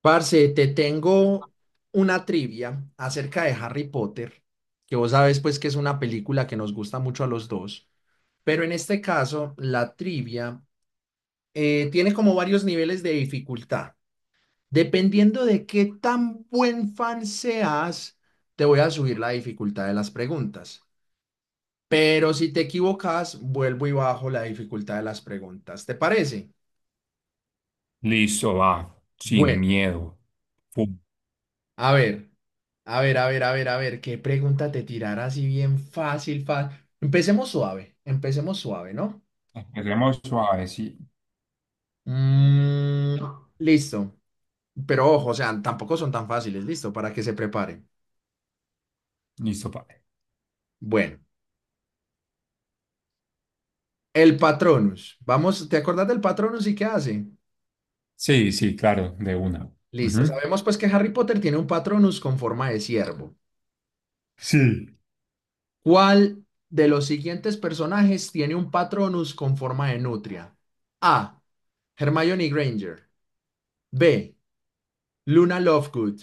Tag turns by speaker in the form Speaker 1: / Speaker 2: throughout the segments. Speaker 1: Parce, te tengo una trivia acerca de Harry Potter, que vos sabes pues que es una película que nos gusta mucho a los dos, pero en este caso la trivia tiene como varios niveles de dificultad. Dependiendo de qué tan buen fan seas, te voy a subir la dificultad de las preguntas. Pero si te equivocas, vuelvo y bajo la dificultad de las preguntas. ¿Te parece?
Speaker 2: Listo, va, sin
Speaker 1: Bueno,
Speaker 2: miedo. Pum.
Speaker 1: a ver. A ver, a ver, a ver, a ver, qué pregunta te tirará así bien fácil, fácil. Empecemos suave, ¿no?
Speaker 2: Empecemos suave, sí.
Speaker 1: Mm, listo. Pero ojo, o sea, tampoco son tan fáciles, listo, para que se preparen.
Speaker 2: Listo, padre.
Speaker 1: Bueno, el Patronus. Vamos, ¿te acordás del Patronus y qué hace?
Speaker 2: Sí, sí, claro, de una.
Speaker 1: Listo,
Speaker 2: Ujú.
Speaker 1: sabemos pues que Harry Potter tiene un Patronus con forma de ciervo.
Speaker 2: Sí.
Speaker 1: ¿Cuál de los siguientes personajes tiene un Patronus con forma de nutria? A. Hermione Granger. B. Luna Lovegood.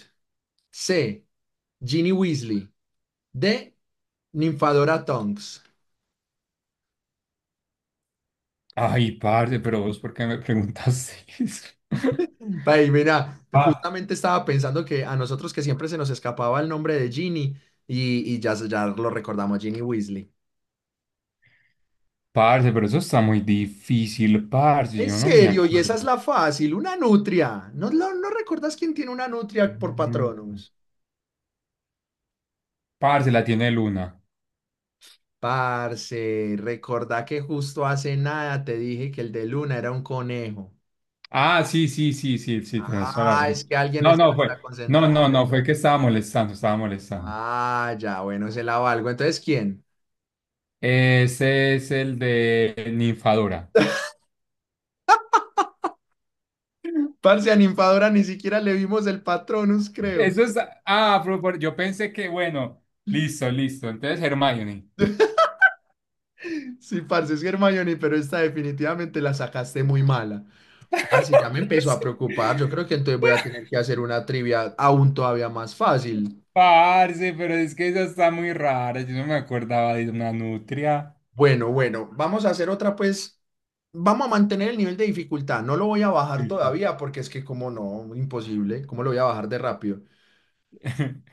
Speaker 1: C. Ginny Weasley. D. Ninfadora Tonks.
Speaker 2: Ay, parce, pero vos, ¿por qué me preguntaste eso?
Speaker 1: Ay, mira,
Speaker 2: Ah,
Speaker 1: justamente estaba pensando que a nosotros que siempre se nos escapaba el nombre de Ginny y, ya lo recordamos, Ginny Weasley.
Speaker 2: parce, pero eso está muy difícil, parce,
Speaker 1: En
Speaker 2: yo no me
Speaker 1: serio, y esa es
Speaker 2: acuerdo.
Speaker 1: la fácil, una nutria. ¿No, no recuerdas quién tiene una nutria por
Speaker 2: Mm,
Speaker 1: Patronus?
Speaker 2: parce, la tiene Luna.
Speaker 1: Parce, recordá que justo hace nada te dije que el de Luna era un conejo.
Speaker 2: Ah, sí, sí, sí, sí, sí, tenés toda la
Speaker 1: Ah, es
Speaker 2: razón.
Speaker 1: que alguien
Speaker 2: No,
Speaker 1: no
Speaker 2: no, fue,
Speaker 1: está
Speaker 2: no, no,
Speaker 1: concentrado.
Speaker 2: no, fue que estaba molestando, estaba molestando.
Speaker 1: Ah, ya, bueno, se la valgo. Entonces, ¿quién?
Speaker 2: Ese es el de Ninfadora.
Speaker 1: Parce, a Ninfadora ni siquiera le vimos el Patronus, creo.
Speaker 2: Eso es. Ah, pero yo pensé que, bueno, listo, listo. Entonces, Hermione.
Speaker 1: Sí, parce, es Hermione, pero esta definitivamente la sacaste muy mala. Parce, ya me empezó a preocupar. Yo creo que entonces voy a tener que hacer una trivia aún todavía más fácil.
Speaker 2: Parce, pero es que eso está muy raro. Yo no me acordaba de una nutria.
Speaker 1: Bueno, bueno, vamos a hacer otra, pues. Vamos a mantener el nivel de dificultad. No lo voy a bajar
Speaker 2: Sí. Sí.
Speaker 1: todavía porque es que, como no, imposible. ¿Cómo lo voy a bajar de rápido?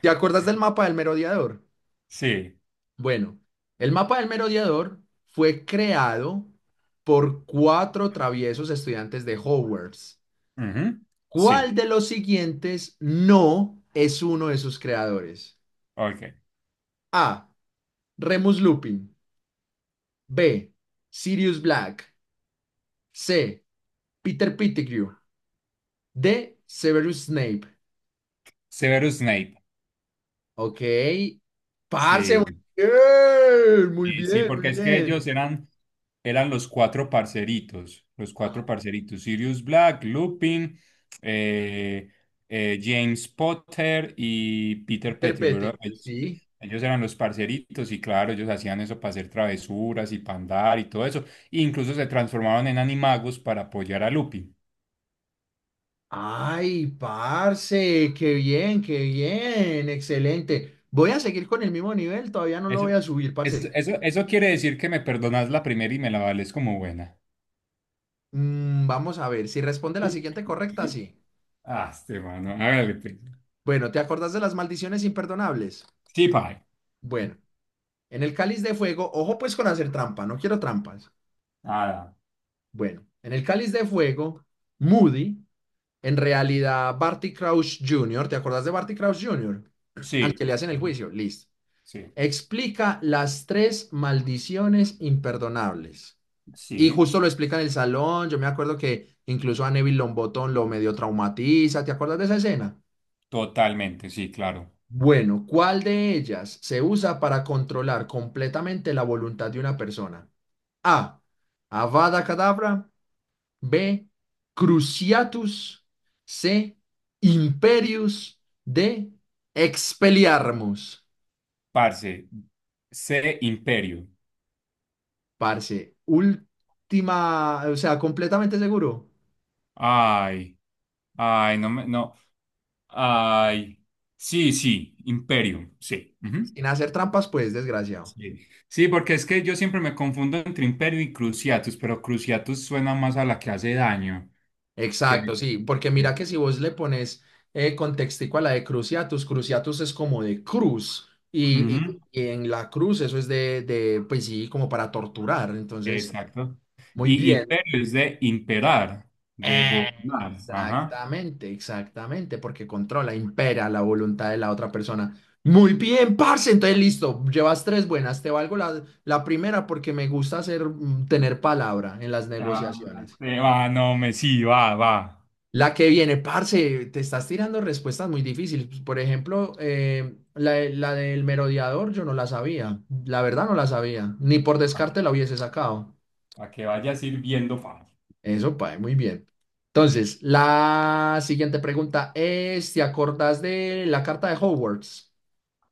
Speaker 1: ¿Te acuerdas del mapa del merodeador?
Speaker 2: Sí.
Speaker 1: Bueno, el mapa del merodeador fue creado por cuatro traviesos estudiantes de Hogwarts.
Speaker 2: Ujú.
Speaker 1: ¿Cuál
Speaker 2: Sí.
Speaker 1: de los siguientes no es uno de sus creadores?
Speaker 2: Ok.
Speaker 1: A. Remus Lupin. B. Sirius Black. C. Peter Pettigrew. D. Severus Snape.
Speaker 2: Severus Snape.
Speaker 1: Ok. Parce, muy
Speaker 2: Sí.
Speaker 1: bien, muy
Speaker 2: Sí, sí,
Speaker 1: bien, muy
Speaker 2: porque es que ellos
Speaker 1: bien.
Speaker 2: eran, eran los cuatro
Speaker 1: Ajá,
Speaker 2: parceritos, Sirius Black, Lupin, eh, James Potter y Peter
Speaker 1: Peter
Speaker 2: Pettigrew.
Speaker 1: Pettigrew,
Speaker 2: Ellos,
Speaker 1: sí.
Speaker 2: ellos eran los parceritos y claro, ellos hacían eso para hacer travesuras y para andar y todo eso. E incluso se transformaron en animagos para apoyar a Lupin.
Speaker 1: Ay, parce, qué bien, excelente. Voy a seguir con el mismo nivel, todavía no lo
Speaker 2: Eso,
Speaker 1: voy a subir,
Speaker 2: eso,
Speaker 1: parce.
Speaker 2: eso, eso quiere decir que me perdonas la primera y me la vales como buena.
Speaker 1: Mm, vamos a ver, si responde la siguiente correcta, sí.
Speaker 2: Ah, este mano, hágale pues.
Speaker 1: Bueno, ¿te acordás de las maldiciones imperdonables?
Speaker 2: Sí, pa.
Speaker 1: Bueno, en el cáliz de fuego, ojo pues con hacer trampa, no quiero trampas.
Speaker 2: Nada.
Speaker 1: Bueno, en el cáliz de fuego, Moody, en realidad Barty Crouch Jr., ¿te acordás de Barty Crouch Jr.? Al
Speaker 2: Sí,
Speaker 1: que le hacen el
Speaker 2: ujú,
Speaker 1: juicio, listo.
Speaker 2: sí,
Speaker 1: Explica las tres maldiciones imperdonables. Y
Speaker 2: sí,
Speaker 1: justo lo explica en el salón. Yo me acuerdo que incluso a Neville Longbottom lo medio traumatiza. ¿Te acuerdas de esa escena?
Speaker 2: totalmente, sí, claro.
Speaker 1: Bueno, ¿cuál de ellas se usa para controlar completamente la voluntad de una persona? A. Avada Kedavra. B. Cruciatus. C. Imperius. D. Expelliarmus.
Speaker 2: Parce, C Imperio.
Speaker 1: Parce, última, o sea, completamente seguro.
Speaker 2: Ay, ay, no me, no, ay. Sí, sí, Imperio, sí, ujú.
Speaker 1: Sin hacer trampas, pues, desgraciado.
Speaker 2: Sí. Sí, porque es que yo siempre me confundo entre Imperio y Cruciatus, pero Cruciatus suena más a la que hace daño que...
Speaker 1: Exacto, sí, porque mira
Speaker 2: sí.
Speaker 1: que si vos le pones contextico a la de cruciatus, cruciatus es como de cruz,
Speaker 2: Ujú,
Speaker 1: y en la cruz eso es de, pues sí, como para torturar, entonces,
Speaker 2: exacto.
Speaker 1: muy
Speaker 2: Y
Speaker 1: bien.
Speaker 2: Imperio es de imperar, de gobernar. Ajá.
Speaker 1: Exactamente, exactamente, porque controla, impera la voluntad de la otra persona. Muy bien, parce, entonces listo, llevas tres buenas, te valgo la primera porque me gusta hacer, mm, tener palabra en las
Speaker 2: Ah,
Speaker 1: negociaciones.
Speaker 2: este, va, no, me sí, va, va.
Speaker 1: La que viene, parce, te estás tirando respuestas muy difíciles. Por ejemplo, la del merodeador yo no la sabía, la verdad no la sabía, ni por descarte la hubiese sacado.
Speaker 2: Para que vaya sirviendo fácil.
Speaker 1: Eso, Pae, muy bien. Entonces, la siguiente pregunta es, ¿te acordás de la carta de Hogwarts?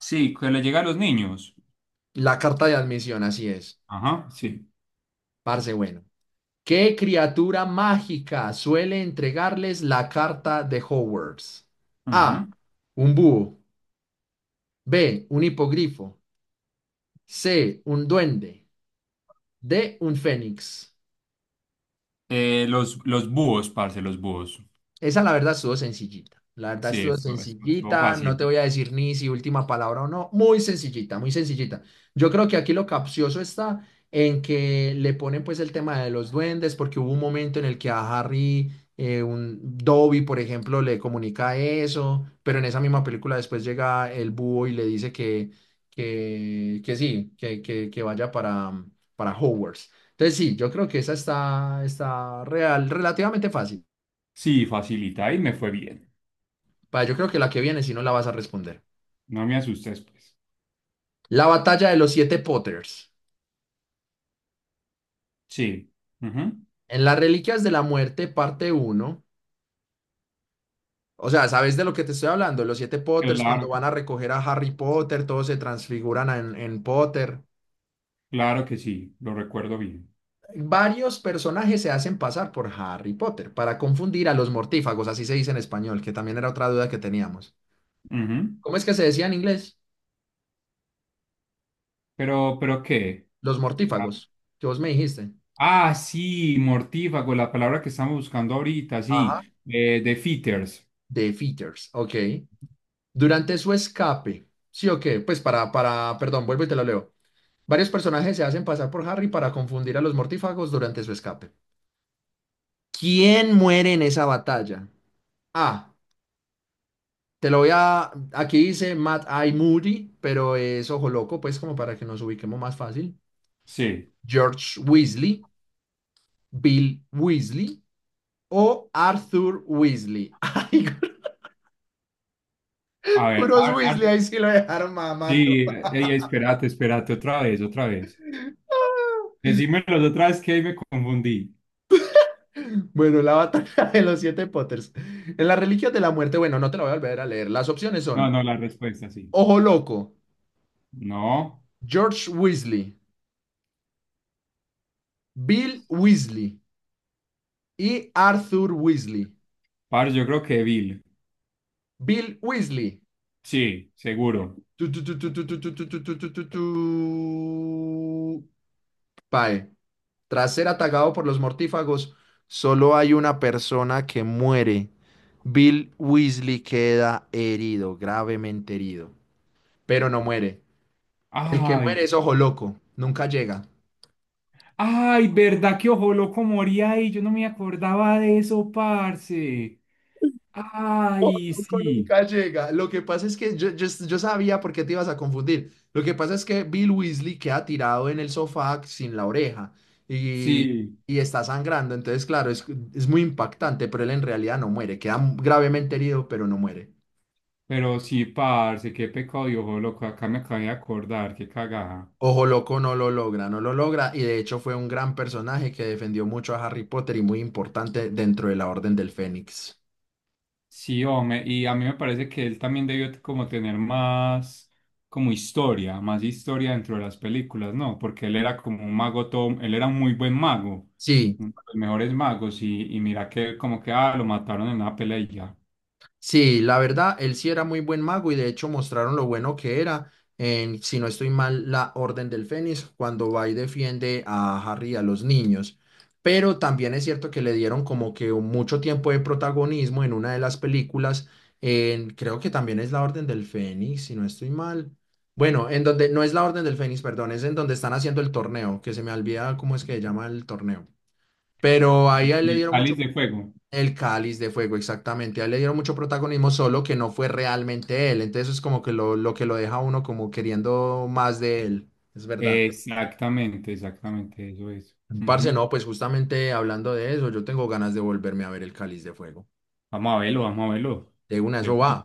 Speaker 2: Sí, que le llega a los niños.
Speaker 1: La carta de admisión, así es.
Speaker 2: Ajá, sí.
Speaker 1: Parce, bueno. ¿Qué criatura mágica suele entregarles la carta de Hogwarts? A,
Speaker 2: Ajá.
Speaker 1: un búho. B, un hipogrifo. C, un duende. D, un fénix.
Speaker 2: Los búhos, parce, los búhos.
Speaker 1: Esa la verdad estuvo sencillita. La verdad
Speaker 2: Sí,
Speaker 1: estuvo
Speaker 2: eso estuvo
Speaker 1: sencillita. No
Speaker 2: fácil.
Speaker 1: te voy a decir ni si última palabra o no. Muy sencillita, muy sencillita. Yo creo que aquí lo capcioso está en que le ponen pues el tema de los duendes, porque hubo un momento en el que a Harry, un Dobby, por ejemplo, le comunica eso, pero en esa misma película después llega el búho y le dice que, que sí, que vaya para Hogwarts. Entonces sí, yo creo que esa está, está real, relativamente fácil.
Speaker 2: Sí, facilita y me fue bien.
Speaker 1: Pa, yo creo que la que viene, si no la vas a responder.
Speaker 2: No me asustes, pues.
Speaker 1: La batalla de los siete Potters.
Speaker 2: Sí. Ujú.
Speaker 1: En las Reliquias de la Muerte, parte uno. O sea, ¿sabes de lo que te estoy hablando? Los siete Potters, Sí. cuando
Speaker 2: Claro,
Speaker 1: van a recoger a Harry Potter, todos se transfiguran en Potter.
Speaker 2: claro que sí, lo recuerdo bien.
Speaker 1: Varios personajes se hacen pasar por Harry Potter para confundir a los mortífagos, así se dice en español, que también era otra duda que teníamos.
Speaker 2: Ujú.
Speaker 1: ¿Cómo es que se decía en inglés?
Speaker 2: Pero ¿qué?
Speaker 1: Los
Speaker 2: La-
Speaker 1: mortífagos, que vos me dijiste.
Speaker 2: Ah, sí, mortífago, la palabra que estamos buscando ahorita, sí.
Speaker 1: Ajá.
Speaker 2: De fitters.
Speaker 1: Defeaters, ok. Durante su escape, ¿sí o qué? Pues para, perdón, vuelvo y te lo leo. Varios personajes se hacen pasar por Harry para confundir a los mortífagos durante su escape. ¿Quién muere en esa batalla? Ah, te lo voy a... Aquí dice Matt I. Moody, pero es ojo loco, pues como para que nos ubiquemos más fácil.
Speaker 2: Sí.
Speaker 1: George Weasley, Bill Weasley o Arthur Weasley. Ay,
Speaker 2: A ver,
Speaker 1: puros Weasley, ahí sí lo dejaron mamando.
Speaker 2: sí, ey, espérate, espérate, otra vez, otra vez. Decímelo otra vez que ahí me confundí.
Speaker 1: Bueno, la batalla de los siete Potters. En la religión de la muerte, bueno, no te la voy a volver a leer. Las opciones
Speaker 2: No,
Speaker 1: son
Speaker 2: no, la respuesta sí.
Speaker 1: Ojo Loco,
Speaker 2: No,
Speaker 1: George Weasley, Bill Weasley y Arthur Weasley.
Speaker 2: par, yo creo que Bill.
Speaker 1: Bill Weasley.
Speaker 2: Sí, seguro.
Speaker 1: Tu, tu, tu, tu, tu, tu, tu, tu, tu, tu, tu, tu, tu. Pae. Tras ser atacado por los mortífagos, solo hay una persona que muere. Bill Weasley queda herido, gravemente herido, pero no muere. El que
Speaker 2: Ay,
Speaker 1: muere es ojo loco, nunca llega.
Speaker 2: ay, ¿verdad que Ojo Loco moría ahí? Yo no me acordaba de eso, parce. Ay,
Speaker 1: Loco
Speaker 2: sí,
Speaker 1: nunca llega. Lo que pasa es que yo sabía por qué te ibas a confundir. Lo que pasa es que Bill Weasley queda tirado en el sofá sin la oreja y,
Speaker 2: sí,
Speaker 1: y está sangrando. Entonces, claro, es muy impactante, pero él en realidad no muere. Queda gravemente herido, pero no muere.
Speaker 2: pero sí, parce, qué pecado y Ojo Loco, acá me acabé de acordar, qué cagada.
Speaker 1: Ojo Loco no lo logra, no lo logra. Y de hecho fue un gran personaje que defendió mucho a Harry Potter y muy importante dentro de la Orden del Fénix.
Speaker 2: Sí, hombre, y a mí me parece que él también como tener más como historia, más historia dentro de las películas, ¿no? Porque él era como un mago todo, él era un muy buen mago,
Speaker 1: Sí.
Speaker 2: uno de los mejores magos, y mira que como que ah, lo mataron en una pelea y ya.
Speaker 1: Sí, la verdad, él sí era muy buen mago y de hecho mostraron lo bueno que era en, si no estoy mal, la Orden del Fénix cuando va y defiende a Harry y a los niños. Pero también es cierto que le dieron como que mucho tiempo de protagonismo en una de las películas, en, creo que también es la Orden del Fénix, si no estoy mal. Bueno, en donde, no es la Orden del Fénix, perdón, es en donde están haciendo el torneo, que se me olvida cómo es que se llama el torneo. Pero ahí
Speaker 2: En
Speaker 1: a él le
Speaker 2: El
Speaker 1: dieron
Speaker 2: cáliz
Speaker 1: mucho
Speaker 2: de fuego.
Speaker 1: el Cáliz de Fuego, exactamente. A él le dieron mucho protagonismo, solo que no fue realmente él. Entonces es como que lo que lo deja a uno como queriendo más de él. Es verdad.
Speaker 2: Exactamente, exactamente, eso es.
Speaker 1: Parce,
Speaker 2: Ujú.
Speaker 1: no, pues justamente hablando de eso, yo tengo ganas de volverme a ver el Cáliz de Fuego.
Speaker 2: Vamos a verlo, vamos a verlo.
Speaker 1: De una,
Speaker 2: De
Speaker 1: eso va.
Speaker 2: una.